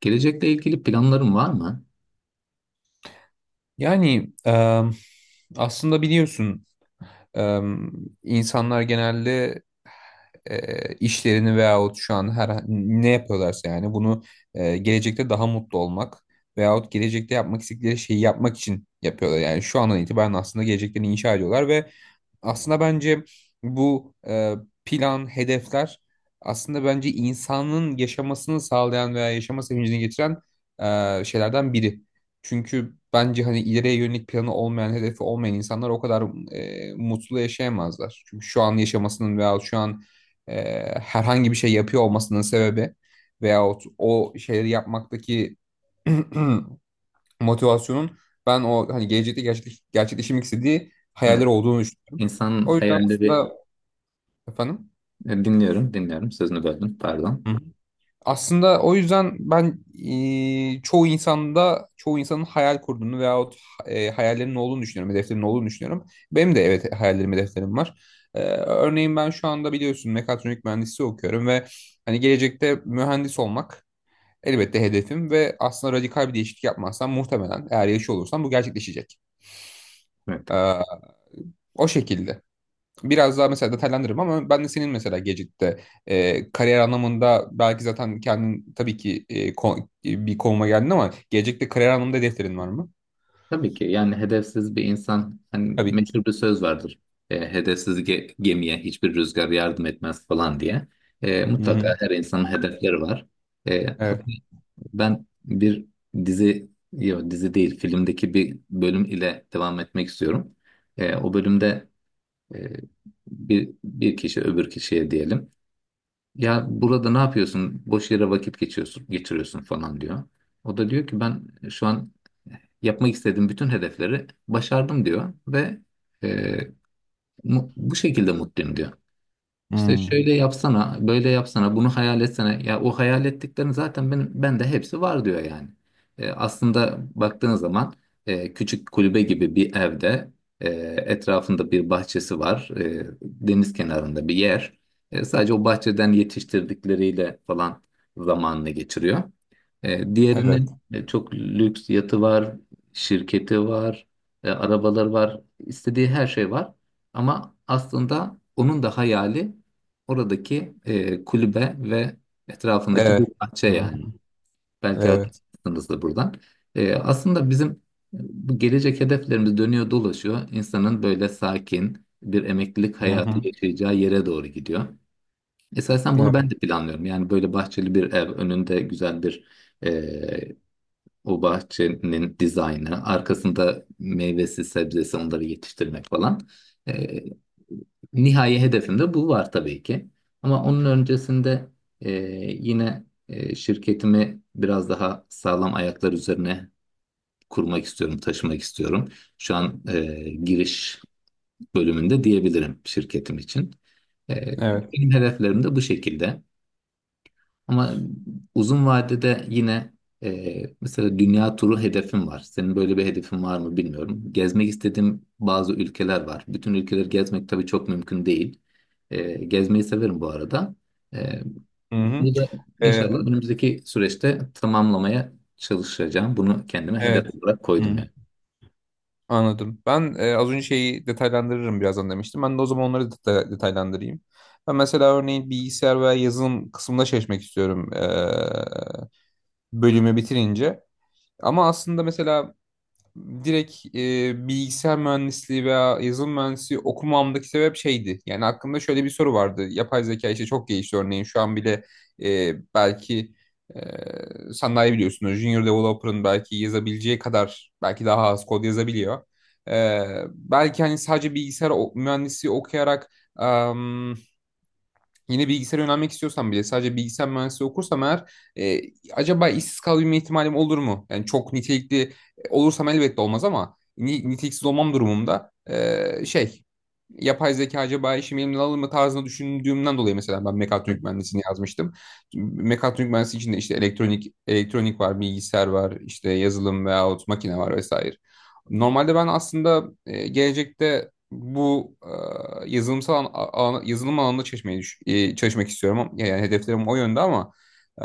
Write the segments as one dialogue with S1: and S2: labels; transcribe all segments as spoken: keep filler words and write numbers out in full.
S1: Gelecekle ilgili planların var mı?
S2: Yani em, aslında biliyorsun, em, insanlar genelde e, işlerini veyahut şu an her ne yapıyorlarsa yani bunu e, gelecekte daha mutlu olmak veyahut gelecekte yapmak istedikleri şeyi yapmak için yapıyorlar. Yani şu andan itibaren aslında geleceklerini inşa ediyorlar ve aslında bence bu e, plan, hedefler aslında bence insanın yaşamasını sağlayan veya yaşama sevincini getiren e, şeylerden biri. Çünkü bence hani ileriye yönelik planı olmayan, hedefi olmayan insanlar o kadar e, mutlu yaşayamazlar. Çünkü şu an yaşamasının veya şu an e, herhangi bir şey yapıyor olmasının sebebi veyahut o şeyleri yapmaktaki motivasyonun ben o hani gelecekte gerçekleş, gerçekleşmek istediği hayaller
S1: Evet.
S2: olduğunu düşünüyorum.
S1: İnsanın
S2: O yüzden
S1: hayalleri...
S2: aslında. Efendim?
S1: E, dinliyorum, dinliyorum. Sözünü böldüm, pardon.
S2: Hı hı. Aslında o yüzden ben e, çoğu insanda çoğu insanın hayal kurduğunu veyahut e, hayallerinin olduğunu düşünüyorum, hedeflerinin olduğunu düşünüyorum. Benim de, evet, hayallerim, hedeflerim var. E, örneğin ben şu anda biliyorsun mekatronik mühendisliği okuyorum ve hani gelecekte mühendis olmak elbette hedefim ve aslında radikal bir değişiklik yapmazsam muhtemelen eğer yaşıyor olursam bu gerçekleşecek.
S1: Evet.
S2: E, O şekilde. Biraz daha mesela detaylandırırım ama ben de senin mesela Gecik'te e, kariyer anlamında belki zaten kendin tabii ki e, ko- e, bir konuma geldin ama Gecik'te kariyer anlamında hedeflerin var mı?
S1: Tabii ki yani hedefsiz bir insan, hani
S2: Tabii.
S1: meşhur bir söz vardır. E, hedefsiz ge- gemiye hiçbir rüzgar yardım etmez falan diye. E,
S2: Hı-hı.
S1: mutlaka her insanın hedefleri var. E, hatta
S2: Evet.
S1: ben bir dizi, yok dizi değil, filmdeki bir bölüm ile devam etmek istiyorum. E, o bölümde e, bir, bir kişi öbür kişiye diyelim. Ya burada ne yapıyorsun? Boş yere vakit geçiyorsun, geçiriyorsun falan diyor. O da diyor ki, ben şu an yapmak istediğim bütün hedefleri başardım diyor ve e, mu- bu şekilde mutluyum diyor. İşte
S2: Hmm.
S1: şöyle yapsana, böyle yapsana, bunu hayal etsene. Ya o hayal ettiklerin zaten benim, bende hepsi var diyor yani. E, aslında baktığın zaman e, küçük kulübe gibi bir evde e, etrafında bir bahçesi var. E, deniz kenarında bir yer. E, sadece o bahçeden yetiştirdikleriyle falan zamanını geçiriyor. E,
S2: Evet.
S1: diğerinin e, çok lüks yatı var, şirketi var, e, arabaları var, istediği her şey var. Ama aslında onun da hayali oradaki e, kulübe ve etrafındaki bir
S2: Evet.
S1: bahçe yani.
S2: Hı-hı.
S1: Belki
S2: Evet.
S1: hatırlarsınız da buradan. E, aslında bizim bu gelecek hedeflerimiz dönüyor dolaşıyor. İnsanın böyle sakin bir emeklilik hayatı
S2: Hı-hı.
S1: yaşayacağı yere doğru gidiyor. Esasen bunu
S2: Evet.
S1: ben de planlıyorum. Yani böyle bahçeli bir ev, önünde güzel bir o bahçenin dizaynı, arkasında meyvesi, sebzesi, onları yetiştirmek falan. E, nihai hedefimde bu var tabii ki. Ama onun öncesinde e, yine e, şirketimi biraz daha sağlam ayaklar üzerine kurmak istiyorum, taşımak istiyorum. Şu an e, giriş bölümünde diyebilirim şirketim için. E,
S2: Evet.
S1: benim hedeflerim de bu şekilde. Ama uzun vadede yine e, mesela dünya turu hedefim var. Senin böyle bir hedefin var mı bilmiyorum. Gezmek istediğim bazı ülkeler var. Bütün ülkeleri gezmek tabii çok mümkün değil. E, gezmeyi severim bu arada. E,
S2: Hı-hı.
S1: bunu da inşallah
S2: Ee,
S1: önümüzdeki süreçte tamamlamaya çalışacağım. Bunu kendime hedef
S2: evet.
S1: olarak koydum
S2: Hı.
S1: yani.
S2: Anladım. Ben e, az önce şeyi detaylandırırım birazdan demiştim. Ben de o zaman onları deta- detaylandırayım. Ben mesela örneğin bilgisayar veya yazılım kısmında çalışmak istiyorum. E, bölümü bitirince. Ama aslında mesela direkt e, bilgisayar mühendisliği veya yazılım mühendisliği okumamdaki sebep şeydi. Yani aklımda şöyle bir soru vardı. Yapay zeka işte çok gelişti örneğin. Şu an bile e, belki e, sen daha iyi biliyorsun. Junior developer'ın belki yazabileceği kadar belki daha az kod yazabiliyor. E, Belki hani sadece bilgisayar o- mühendisliği okuyarak yine bilgisayara yönelmek istiyorsam bile sadece bilgisayar mühendisliği okursam eğer e, acaba işsiz kalabilme ihtimalim olur mu? Yani çok nitelikli e, olursam elbette olmaz ama ni- niteliksiz olmam durumunda e, şey yapay zeka acaba işimi elimden alır mı tarzında düşündüğümden dolayı mesela ben mekatronik mühendisliğini yazmıştım. Mekatronik mühendisliği içinde işte elektronik elektronik var, bilgisayar var, işte yazılım veyahut makine var vesaire. Normalde ben aslında e, gelecekte bu e, yazılımsal an, a- yazılım alanında çalışmayı düş- e, çalışmak istiyorum. Yani hedeflerim o yönde ama e,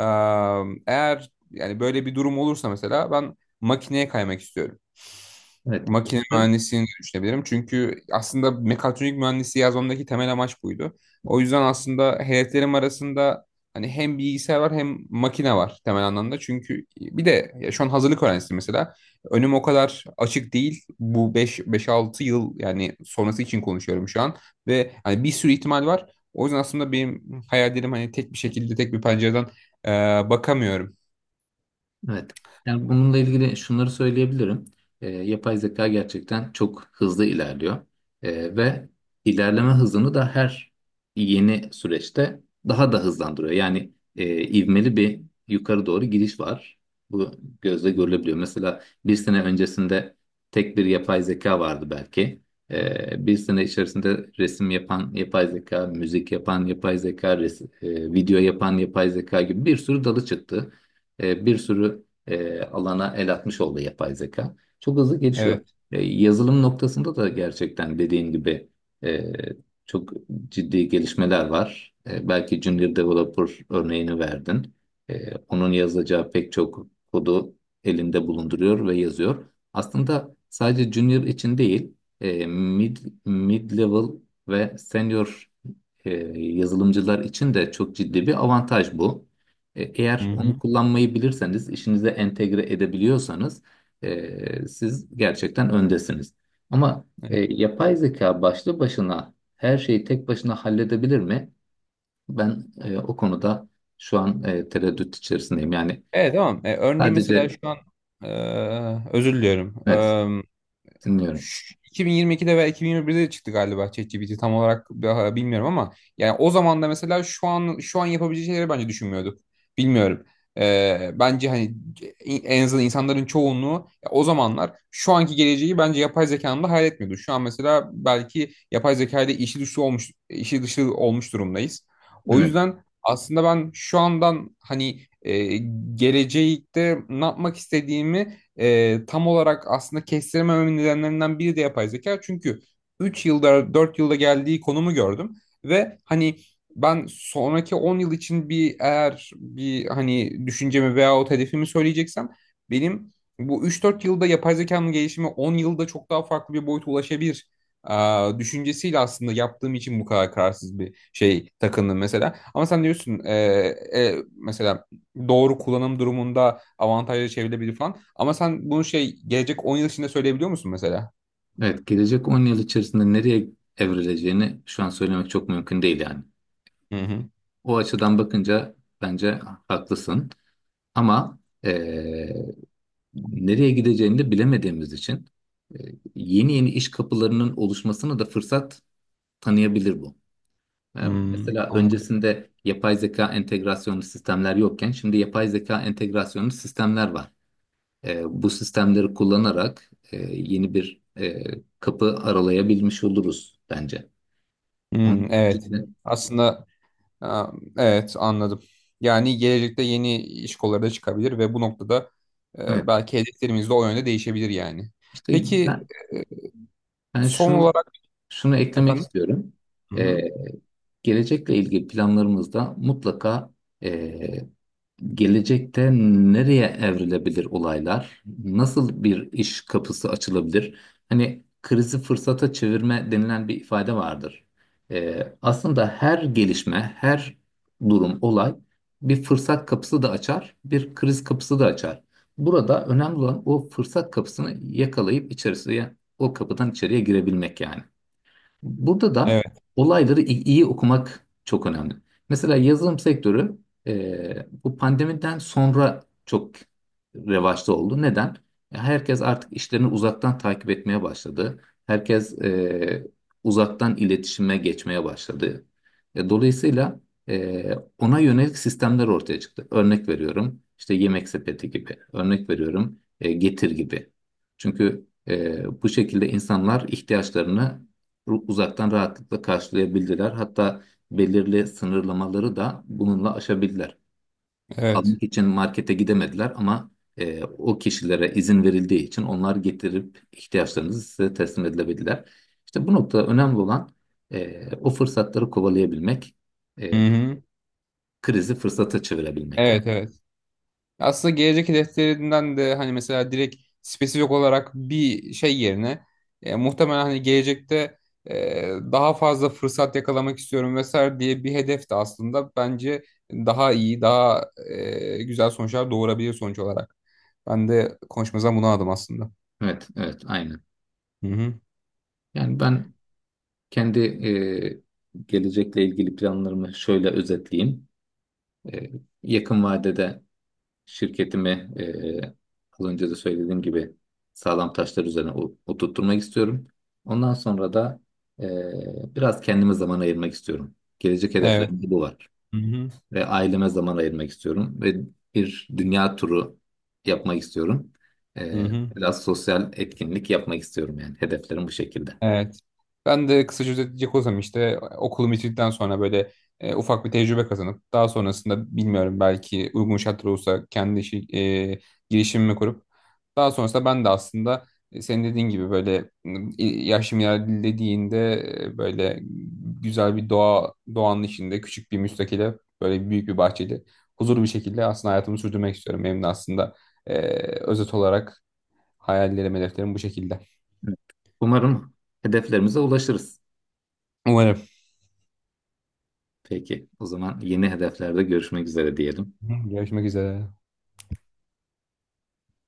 S2: eğer yani böyle bir durum olursa mesela ben makineye kaymak istiyorum.
S1: Evet.
S2: Makine
S1: Evet.
S2: mühendisliğini düşünebilirim. Çünkü aslında mekatronik mühendisliği yazmamdaki temel amaç buydu. O yüzden aslında hedeflerim arasında hani hem bilgisayar var hem makine var temel anlamda. Çünkü bir de ya şu an hazırlık öğrencisiyim mesela. Önüm o kadar açık değil. Bu beş 5-6 yıl yani sonrası için konuşuyorum şu an ve hani bir sürü ihtimal var. O yüzden aslında benim hayallerim hani tek bir şekilde tek bir pencereden e, bakamıyorum.
S1: Evet. Yani bununla ilgili şunları söyleyebilirim. Ee, yapay zeka gerçekten çok hızlı ilerliyor. Ee, ve ilerleme hızını da her yeni süreçte daha da hızlandırıyor. Yani e, ivmeli bir yukarı doğru gidiş var. Bu gözle görülebiliyor. Mesela bir sene öncesinde tek bir yapay zeka vardı belki. Ee, bir sene içerisinde resim yapan yapay zeka, müzik yapan yapay zeka, res- e, video yapan yapay zeka gibi bir sürü dalı çıktı, e, bir sürü e, alana el atmış oldu yapay zeka. Çok hızlı gelişiyor.
S2: Evet.
S1: E, yazılım noktasında da gerçekten dediğin gibi e, çok ciddi gelişmeler var. E, belki Junior Developer örneğini verdin. E, onun yazacağı pek çok kodu elinde bulunduruyor ve yazıyor. Aslında sadece Junior için değil, e, mid, mid level ve senior e, yazılımcılar için de çok ciddi bir avantaj bu. E,
S2: Hı
S1: eğer onu
S2: hı.
S1: kullanmayı bilirseniz, işinize entegre edebiliyorsanız e, siz gerçekten öndesiniz. Ama e,
S2: Evet,
S1: yapay zeka başlı başına her şeyi tek başına halledebilir mi? Ben e, o konuda şu an e, tereddüt içerisindeyim. Yani
S2: Evet, tamam. E, örneğin mesela şu
S1: sadece...
S2: an e, özür diliyorum.
S1: Evet, dinliyorum.
S2: Ş- iki bin yirmi ikide veya iki bin yirmi birde de çıktı galiba ChatGPT tam olarak bi- bilmiyorum ama yani o zaman da mesela şu an şu an yapabileceği şeyleri bence düşünmüyorduk. Bilmiyorum. Ee, bence hani en azından insanların çoğunluğu ya o zamanlar şu anki geleceği bence yapay zekanın da hayal etmiyordu. Şu an mesela belki yapay zeka ile işi dışı olmuş işi dışı olmuş durumdayız. O
S1: Evet,
S2: yüzden aslında ben şu andan hani e, gelecekte ne yapmak istediğimi e, tam olarak aslında kestiremememin nedenlerinden biri de yapay zeka. Çünkü üç yılda dört yılda geldiği konumu gördüm ve hani ben sonraki on yıl için bir eğer bir hani düşüncemi veyahut hedefimi söyleyeceksem benim bu üç dört yılda yapay zekanın gelişimi on yılda çok daha farklı bir boyuta ulaşabilir e, düşüncesiyle aslında yaptığım için bu kadar kararsız bir şey takındım mesela. Ama sen diyorsun e, e, mesela doğru kullanım durumunda avantajlı çevirebilir falan. Ama sen bunu şey gelecek on yıl içinde söyleyebiliyor musun mesela?
S1: evet, gelecek on yıl içerisinde nereye evrileceğini şu an söylemek çok mümkün değil yani.
S2: Hı hı.
S1: O açıdan bakınca bence haklısın. Ama eee, nereye gideceğini de bilemediğimiz için eee, yeni yeni iş kapılarının oluşmasına da fırsat tanıyabilir bu. Yani
S2: Hmm,
S1: mesela
S2: anladım.
S1: öncesinde yapay zeka entegrasyonlu sistemler yokken şimdi yapay zeka entegrasyonlu sistemler var. Eee, bu sistemleri kullanarak eee, yeni bir eee, kapı aralayabilmiş oluruz bence. Onun
S2: Hmm, evet.
S1: haricinde
S2: Aslında ha, evet, anladım. Yani gelecekte yeni iş kolları da çıkabilir ve bu noktada
S1: evet,
S2: e, belki hedeflerimiz de o yönde değişebilir yani.
S1: işte,
S2: Peki
S1: ben, ben
S2: son
S1: şunu
S2: olarak.
S1: Şunu eklemek
S2: Efendim?
S1: istiyorum.
S2: Hı
S1: Ee,
S2: hı.
S1: gelecekle ilgili planlarımızda mutlaka e, gelecekte nereye evrilebilir olaylar, nasıl bir iş kapısı açılabilir? Hani krizi fırsata çevirme denilen bir ifade vardır. Ee, aslında her gelişme, her durum, olay bir fırsat kapısı da açar, bir kriz kapısı da açar. Burada önemli olan o fırsat kapısını yakalayıp içerisine, o kapıdan içeriye girebilmek yani. Burada da
S2: Evet,
S1: olayları i- iyi okumak çok önemli. Mesela yazılım sektörü e, bu pandemiden sonra çok revaçta oldu. Neden? E, Herkes artık işlerini uzaktan takip etmeye başladı. Herkes e, uzaktan iletişime geçmeye başladı. E, dolayısıyla e, ona yönelik sistemler ortaya çıktı. Örnek veriyorum, işte yemek sepeti gibi. Örnek veriyorum, e, getir gibi. Çünkü e, bu şekilde insanlar ihtiyaçlarını uzaktan rahatlıkla karşılayabildiler. Hatta belirli sınırlamaları da bununla aşabildiler.
S2: evet.
S1: Almak için markete gidemediler ama e, o kişilere izin verildiği için onlar getirip ihtiyaçlarınızı size teslim edilebildiler. İşte bu noktada önemli olan e, o fırsatları kovalayabilmek,
S2: Hı
S1: e,
S2: hı.
S1: krizi fırsata çevirebilmek yani.
S2: Evet, evet. Aslında gelecek hedeflerinden de hani mesela direkt spesifik olarak bir şey yerine e, muhtemelen hani gelecekte e, daha fazla fırsat yakalamak istiyorum vesaire diye bir hedef de aslında bence daha iyi, daha e, güzel sonuçlar doğurabilir sonuç olarak. Ben de konuşmamızdan bunu aldım aslında.
S1: Evet, evet, aynen.
S2: Hı hı.
S1: Yani ben kendi e, gelecekle ilgili planlarımı şöyle özetleyeyim. E, yakın vadede şirketimi, eee, az önce de söylediğim gibi, sağlam taşlar üzerine o- oturtturmak istiyorum. Ondan sonra da eee, biraz kendime zaman ayırmak istiyorum. Gelecek
S2: Evet.
S1: hedeflerim de bu var.
S2: Hı hı.
S1: Ve aileme zaman ayırmak istiyorum. Ve bir dünya turu yapmak istiyorum.
S2: Hı
S1: Eee,
S2: hı.
S1: biraz sosyal etkinlik yapmak istiyorum yani. Hedeflerim bu şekilde.
S2: Evet. Ben de kısaca özetleyecek olursam işte e, okulumu bitirdikten sonra böyle e, ufak bir tecrübe kazanıp daha sonrasında bilmiyorum belki uygun şartlar olursa kendi işi, e, girişimimi kurup daha sonrasında ben de aslında e, senin dediğin gibi böyle m, i- yaşım ilerlediğinde e, böyle güzel bir doğa doğanın içinde küçük bir müstakile böyle büyük bir bahçeli huzurlu bir şekilde aslında hayatımı sürdürmek istiyorum. Benim de aslında e, özet olarak hayallerim, hedeflerim bu şekilde.
S1: Evet. Umarım hedeflerimize ulaşırız.
S2: Umarım.
S1: Peki, o zaman yeni hedeflerde görüşmek üzere diyelim.
S2: Hı, görüşmek üzere.